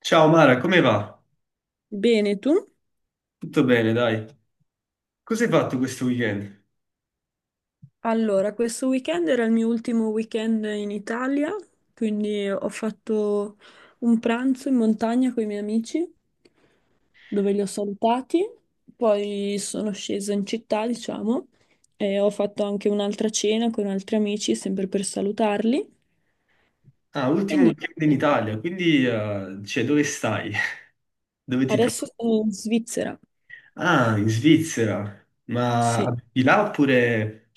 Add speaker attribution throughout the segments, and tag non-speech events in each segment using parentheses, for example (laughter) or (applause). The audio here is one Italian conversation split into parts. Speaker 1: Ciao Mara, come va?
Speaker 2: Bene, tu?
Speaker 1: Tutto bene, dai. Cosa hai fatto questo weekend?
Speaker 2: Allora, questo weekend era il mio ultimo weekend in Italia, quindi ho fatto un pranzo in montagna con i miei amici, dove li ho salutati, poi sono scesa in città, diciamo, e ho fatto anche un'altra cena con altri amici, sempre per salutarli.
Speaker 1: Ah,
Speaker 2: E
Speaker 1: ultimo
Speaker 2: niente,
Speaker 1: weekend in Italia, quindi dove stai? (laughs) Dove ti trovi?
Speaker 2: adesso sono in Svizzera.
Speaker 1: Ah, in Svizzera. Ma
Speaker 2: Sì,
Speaker 1: abiti là oppure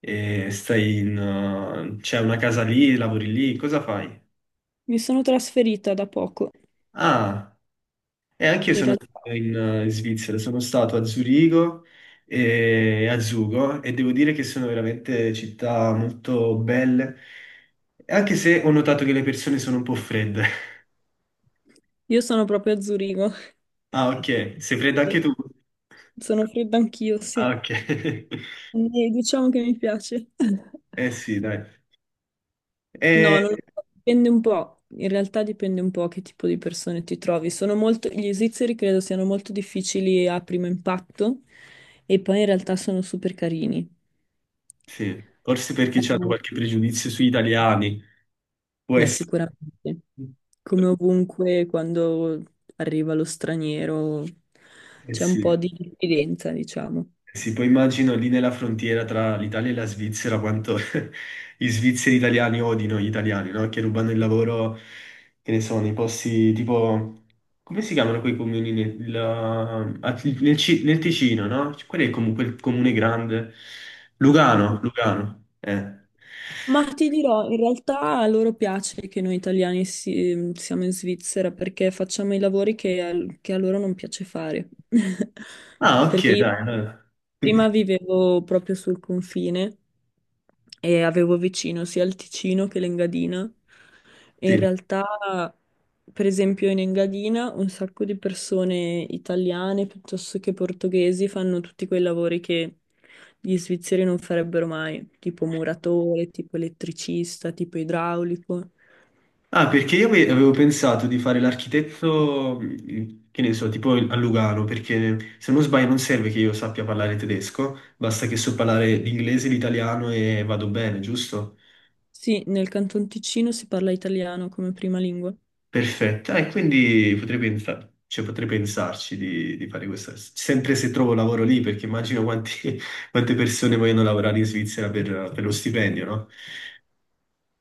Speaker 1: stai in... c'è una casa lì, lavori lì, cosa fai?
Speaker 2: mi sono trasferita da poco,
Speaker 1: Ah. E anche io
Speaker 2: in
Speaker 1: sono stato
Speaker 2: realtà.
Speaker 1: in, in Svizzera, sono stato a Zurigo e a Zugo e devo dire che sono veramente città molto belle, anche se ho notato che le persone sono un po' fredde. (laughs)
Speaker 2: Io sono proprio a Zurigo. (laughs)
Speaker 1: Ah, ok, sei fredda anche
Speaker 2: Sì.
Speaker 1: tu?
Speaker 2: Sono fredda anch'io, sì.
Speaker 1: Ah, ok. (laughs)
Speaker 2: E diciamo che mi piace. No,
Speaker 1: Eh sì, dai. Eh,
Speaker 2: non lo so, dipende un po', in realtà dipende un po' che tipo di persone ti trovi. Sono molto, gli svizzeri credo siano molto difficili a primo impatto e poi in realtà sono super carini.
Speaker 1: sì, forse perché c'hanno
Speaker 2: Fanno-
Speaker 1: qualche pregiudizio sugli italiani, può essere.
Speaker 2: Sicuramente, come ovunque quando arriva lo straniero
Speaker 1: Eh
Speaker 2: c'è un
Speaker 1: sì.
Speaker 2: po' di diffidenza, diciamo.
Speaker 1: Sì, poi immagino lì nella frontiera tra l'Italia e la Svizzera quanto (laughs) gli svizzeri italiani odino gli italiani, no? Che rubano il lavoro, che ne so, nei posti tipo... Come si chiamano quei comuni nel, la- a- nel Ci- nel Ticino, no? Quello è comunque il comune grande. Lugano, Lugano.
Speaker 2: Ma ti dirò, in realtà a loro piace che noi italiani siamo in Svizzera perché facciamo i lavori che a loro non piace fare. (laughs)
Speaker 1: Ah,
Speaker 2: Perché
Speaker 1: ok,
Speaker 2: io
Speaker 1: dai. Allora. Quindi,
Speaker 2: prima vivevo proprio sul confine e avevo vicino sia il Ticino che l'Engadina. E in
Speaker 1: sì.
Speaker 2: realtà, per esempio, in Engadina un sacco di persone italiane piuttosto che portoghesi fanno tutti quei lavori che gli svizzeri non farebbero mai, tipo muratore, tipo elettricista, tipo idraulico.
Speaker 1: Ah, perché io avevo pensato di fare l'architetto, che ne so, tipo a Lugano, perché se non sbaglio non serve che io sappia parlare tedesco, basta che so parlare l'inglese, l'italiano e vado bene, giusto?
Speaker 2: Sì, nel Canton Ticino si parla italiano come prima lingua.
Speaker 1: Perfetto. Ah, e quindi cioè, potrei pensarci di fare questo, sempre se trovo lavoro lì, perché immagino (laughs) quante persone vogliono lavorare in Svizzera per lo stipendio, no?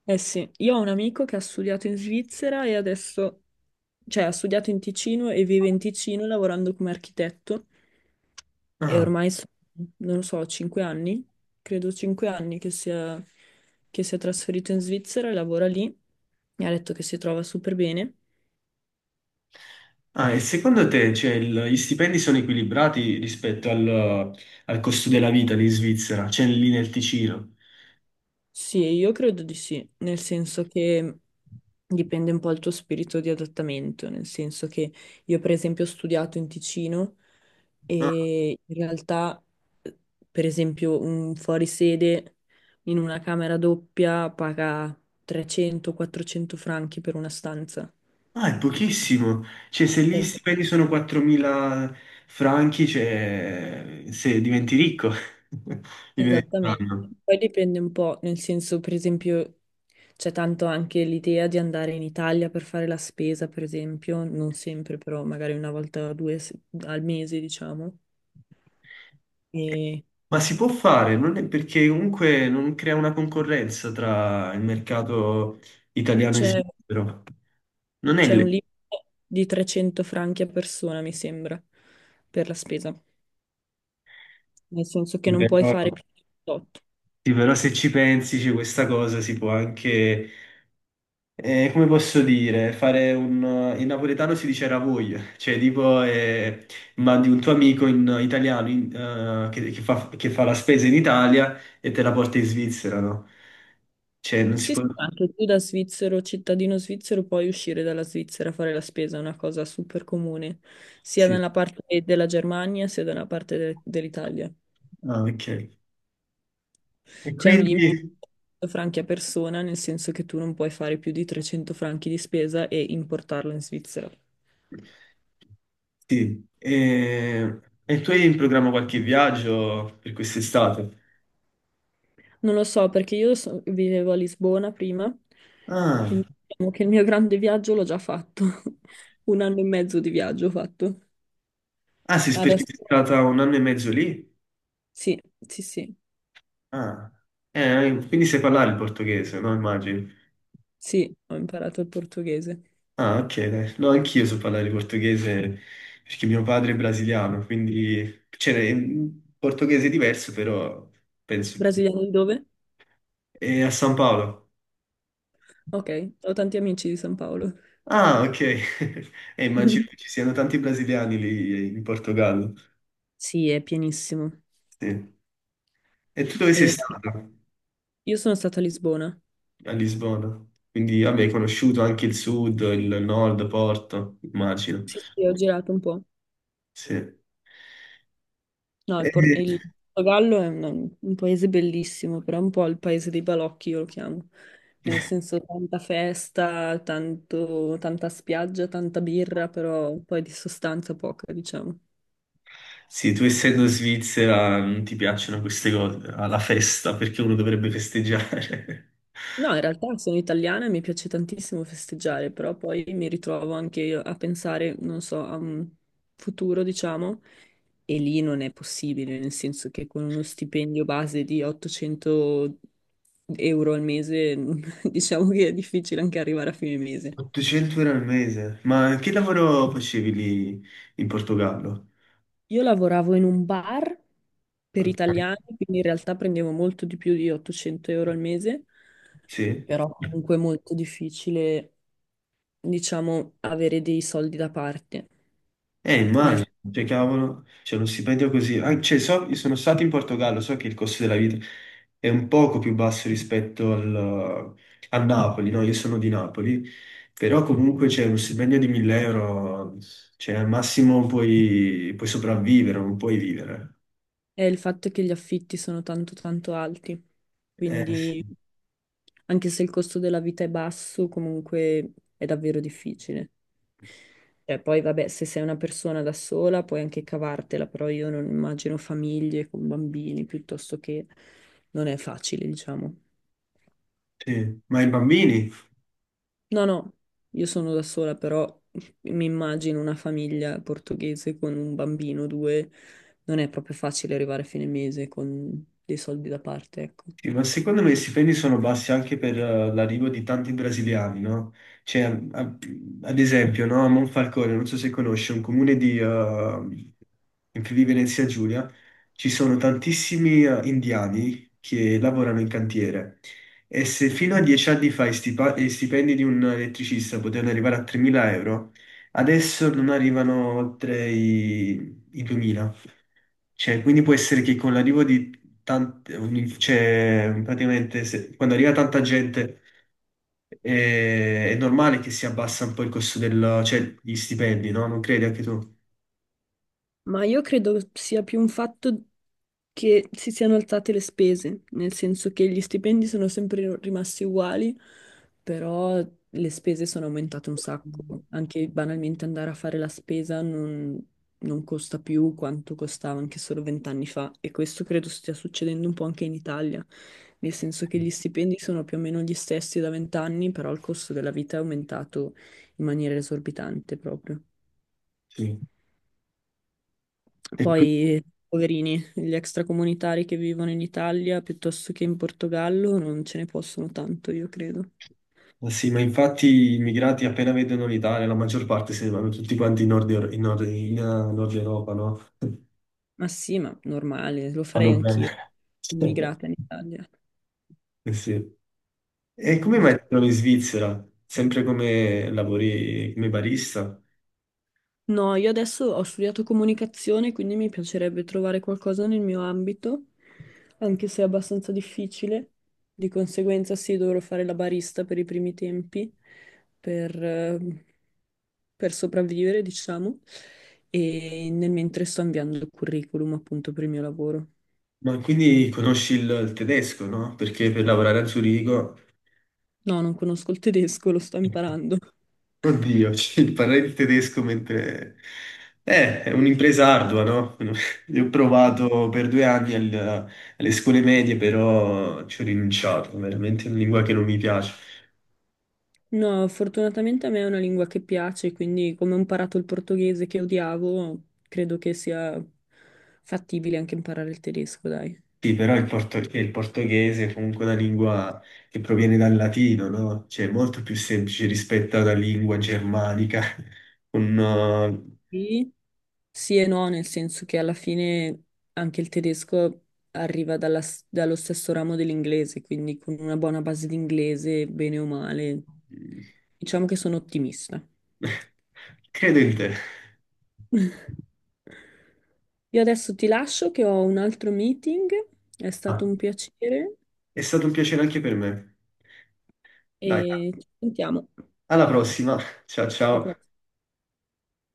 Speaker 2: Eh sì, io ho un amico che ha studiato in Svizzera e adesso, cioè ha studiato in Ticino e vive in Ticino lavorando come architetto. E
Speaker 1: Ah.
Speaker 2: ormai sono, non lo so, 5 anni, credo 5 anni che sia trasferito in Svizzera e lavora lì. Mi ha detto che si trova super bene.
Speaker 1: Ah, e secondo te, cioè, gli stipendi sono equilibrati rispetto al costo della vita lì in Svizzera, cioè lì nel Ticino?
Speaker 2: Sì, io credo di sì, nel senso che dipende un po' dal tuo spirito di adattamento, nel senso che io per esempio ho studiato in Ticino
Speaker 1: Ah,
Speaker 2: e in realtà, eh, per esempio, un fuorisede in una camera doppia paga 300-400 franchi per una stanza.
Speaker 1: ah, è pochissimo. Cioè, se lì gli stipendi sono 4.000 franchi, cioè, se diventi ricco, (laughs) diventi un
Speaker 2: Esattamente.
Speaker 1: anno.
Speaker 2: Poi dipende un po', nel senso, per esempio, c'è tanto anche l'idea di andare in Italia per fare la spesa, per esempio, non sempre, però magari una volta o due se- al mese, diciamo. E
Speaker 1: Ma si può fare, non è perché comunque non crea una concorrenza tra il mercato italiano e
Speaker 2: c'è
Speaker 1: svizzero. Non è
Speaker 2: c'è un
Speaker 1: le...
Speaker 2: limite di 300 franchi a persona, mi sembra, per la spesa, nel senso che non puoi fare più di 8.
Speaker 1: Sì, però se ci pensi, c'è questa cosa si può anche, come posso dire, fare un... In napoletano si dice ravoglio, cioè tipo mandi un tuo amico in italiano che fa la spesa in Italia e te la porta in Svizzera, no? Cioè non si
Speaker 2: Sì,
Speaker 1: può...
Speaker 2: sì, ma anche tu da svizzero, cittadino svizzero, puoi uscire dalla Svizzera a fare la spesa, è una cosa super comune, sia
Speaker 1: Sì,
Speaker 2: dalla parte della Germania sia dalla parte dell'Italia.
Speaker 1: ah, ok. E
Speaker 2: C'è un
Speaker 1: quindi...
Speaker 2: limite di 100 franchi a persona, nel senso che tu non puoi fare più di 300 franchi di spesa e importarlo in Svizzera.
Speaker 1: Sì, e, e tu hai in programma qualche viaggio per quest'estate?
Speaker 2: Non lo so, perché vivevo a Lisbona prima,
Speaker 1: Ah,
Speaker 2: quindi diciamo che il mio grande viaggio l'ho già fatto, (laughs) un anno e mezzo di viaggio ho fatto.
Speaker 1: ah sì, perché
Speaker 2: Adesso
Speaker 1: sei stata un anno e mezzo lì?
Speaker 2: sì, sì, sì.
Speaker 1: Ah, quindi sai parlare il portoghese, no? Immagino.
Speaker 2: Sì, ho imparato il portoghese.
Speaker 1: Ah, ok, dai. No, anch'io so parlare portoghese perché mio padre è brasiliano, quindi c'è un portoghese diverso, però penso.
Speaker 2: Brasiliano di dove?
Speaker 1: È a San Paolo.
Speaker 2: Ok, ho tanti amici di San Paolo.
Speaker 1: Ah, ok. (laughs) E immagino che ci
Speaker 2: (laughs)
Speaker 1: siano tanti brasiliani lì in Portogallo.
Speaker 2: Sì, è pienissimo.
Speaker 1: Sì. E tu dove sei
Speaker 2: E
Speaker 1: stato?
Speaker 2: io sono stata a Lisbona.
Speaker 1: A Lisbona. Quindi, vabbè, hai conosciuto anche il sud, il nord, Porto, immagino.
Speaker 2: Sì, sì, ho girato un po'.
Speaker 1: Sì.
Speaker 2: No, il, Por-
Speaker 1: E-
Speaker 2: il Portogallo è un paese bellissimo, però è un po' il paese dei balocchi, io lo chiamo. Nel senso, tanta festa, tanta spiaggia, tanta birra, però poi di sostanza poca, diciamo.
Speaker 1: Sì, tu essendo in Svizzera non ti piacciono queste cose, alla festa, perché uno dovrebbe festeggiare.
Speaker 2: No, in realtà sono italiana e mi piace tantissimo festeggiare, però poi mi ritrovo anche io a pensare, non so, a un futuro, diciamo, e lì non è possibile, nel senso che con uno stipendio base di 800 euro al mese, (laughs) diciamo che è difficile anche arrivare a fine
Speaker 1: (laughs)
Speaker 2: mese.
Speaker 1: 800 euro al mese, ma che lavoro facevi lì in Portogallo?
Speaker 2: Io lavoravo in un bar per
Speaker 1: Ok.
Speaker 2: italiani, quindi in realtà prendevo molto di più di 800 euro al mese,
Speaker 1: Sì?
Speaker 2: però comunque è molto difficile, diciamo, avere dei soldi da parte. Nel
Speaker 1: Immagino, cioè, cavolo, c'è uno stipendio così. Ah, cioè, io sono stato in Portogallo, so che il costo della vita è un poco più basso rispetto a Napoli, no? Io sono di Napoli, però comunque c'è uno stipendio di 1000 euro, cioè, al massimo puoi sopravvivere, non puoi vivere.
Speaker 2: È il fatto che gli affitti sono tanto tanto alti,
Speaker 1: Sì.
Speaker 2: quindi anche se il costo della vita è basso, comunque è davvero difficile. Cioè, poi vabbè, se sei una persona da sola puoi anche cavartela, però io non immagino famiglie con bambini, piuttosto che non è facile, diciamo.
Speaker 1: Sì. Ma i bambini?
Speaker 2: No, no, io sono da sola, però mi immagino una famiglia portoghese con un bambino, due, non è proprio facile arrivare a fine mese con dei soldi da parte, ecco.
Speaker 1: Sì, ma secondo me i stipendi sono bassi anche per l'arrivo di tanti brasiliani, no? Cioè, a- ad esempio, no? A Monfalcone, non so se conosci, è un comune in Friuli Venezia Giulia, ci sono tantissimi indiani che lavorano in cantiere. E se fino a 10 anni fa i stipendi di un elettricista potevano arrivare a 3.000 euro, adesso non arrivano oltre i 2.000. Cioè, quindi può essere che con l'arrivo di cioè, praticamente quando arriva tanta gente è normale che si abbassa un po' il costo del, cioè, gli stipendi, no? Non credi anche tu?
Speaker 2: Ma io credo sia più un fatto che si siano alzate le spese, nel senso che gli stipendi sono sempre rimasti uguali, però le spese sono aumentate un sacco. Anche banalmente andare a fare la spesa non, non costa più quanto costava anche solo vent'anni fa. E questo credo stia succedendo un po' anche in Italia, nel senso che gli stipendi sono più o meno gli stessi da vent'anni, però il costo della vita è aumentato in maniera esorbitante proprio.
Speaker 1: Sì. E
Speaker 2: Poi, poverini, gli extracomunitari che vivono in Italia piuttosto che in Portogallo non ce ne possono tanto, io credo.
Speaker 1: ma sì, ma infatti gli immigrati appena vedono l'Italia, la maggior parte se ne vanno tutti quanti in Nord, in Nord, in, Nord Europa, no? (laughs)
Speaker 2: Ma sì, ma normale, lo farei
Speaker 1: Vanno bene.
Speaker 2: anch'io,
Speaker 1: (laughs)
Speaker 2: immigrata in Italia.
Speaker 1: Eh sì. E come mai
Speaker 2: Dice-
Speaker 1: ti trovi in Svizzera? Sempre come lavori come barista?
Speaker 2: No, io adesso ho studiato comunicazione, quindi mi piacerebbe trovare qualcosa nel mio ambito, anche se è abbastanza difficile. Di conseguenza sì, dovrò fare la barista per i primi tempi, per... eh, per sopravvivere, diciamo, e nel mentre sto inviando il curriculum appunto per il mio lavoro.
Speaker 1: Ma quindi conosci il tedesco, no? Perché per lavorare a Zurigo,
Speaker 2: No, non conosco il tedesco, lo sto imparando.
Speaker 1: oddio, (laughs) cioè, parlare il tedesco mentre... è un'impresa ardua, no? (laughs) Io ho provato per 2 anni alle scuole medie, però ci ho rinunciato, veramente è una lingua che non mi piace.
Speaker 2: No, fortunatamente a me è una lingua che piace, quindi come ho imparato il portoghese che odiavo, credo che sia fattibile anche imparare il tedesco, dai.
Speaker 1: Sì, però il portoghese è comunque una lingua che proviene dal latino, no? Cioè è molto più semplice rispetto alla lingua germanica, (laughs) con...
Speaker 2: Sì, Sì e no, nel senso che alla fine anche il tedesco arriva dalla dallo stesso ramo dell'inglese, quindi con una buona base di inglese, bene o male,
Speaker 1: (laughs)
Speaker 2: diciamo che sono ottimista.
Speaker 1: Credo in te.
Speaker 2: (laughs) Io adesso ti lascio che ho un altro meeting, è stato
Speaker 1: Ah,
Speaker 2: un piacere
Speaker 1: è stato un piacere anche per me. Dai,
Speaker 2: e ci sentiamo.
Speaker 1: alla prossima. Ciao
Speaker 2: Alla
Speaker 1: ciao.
Speaker 2: prossima.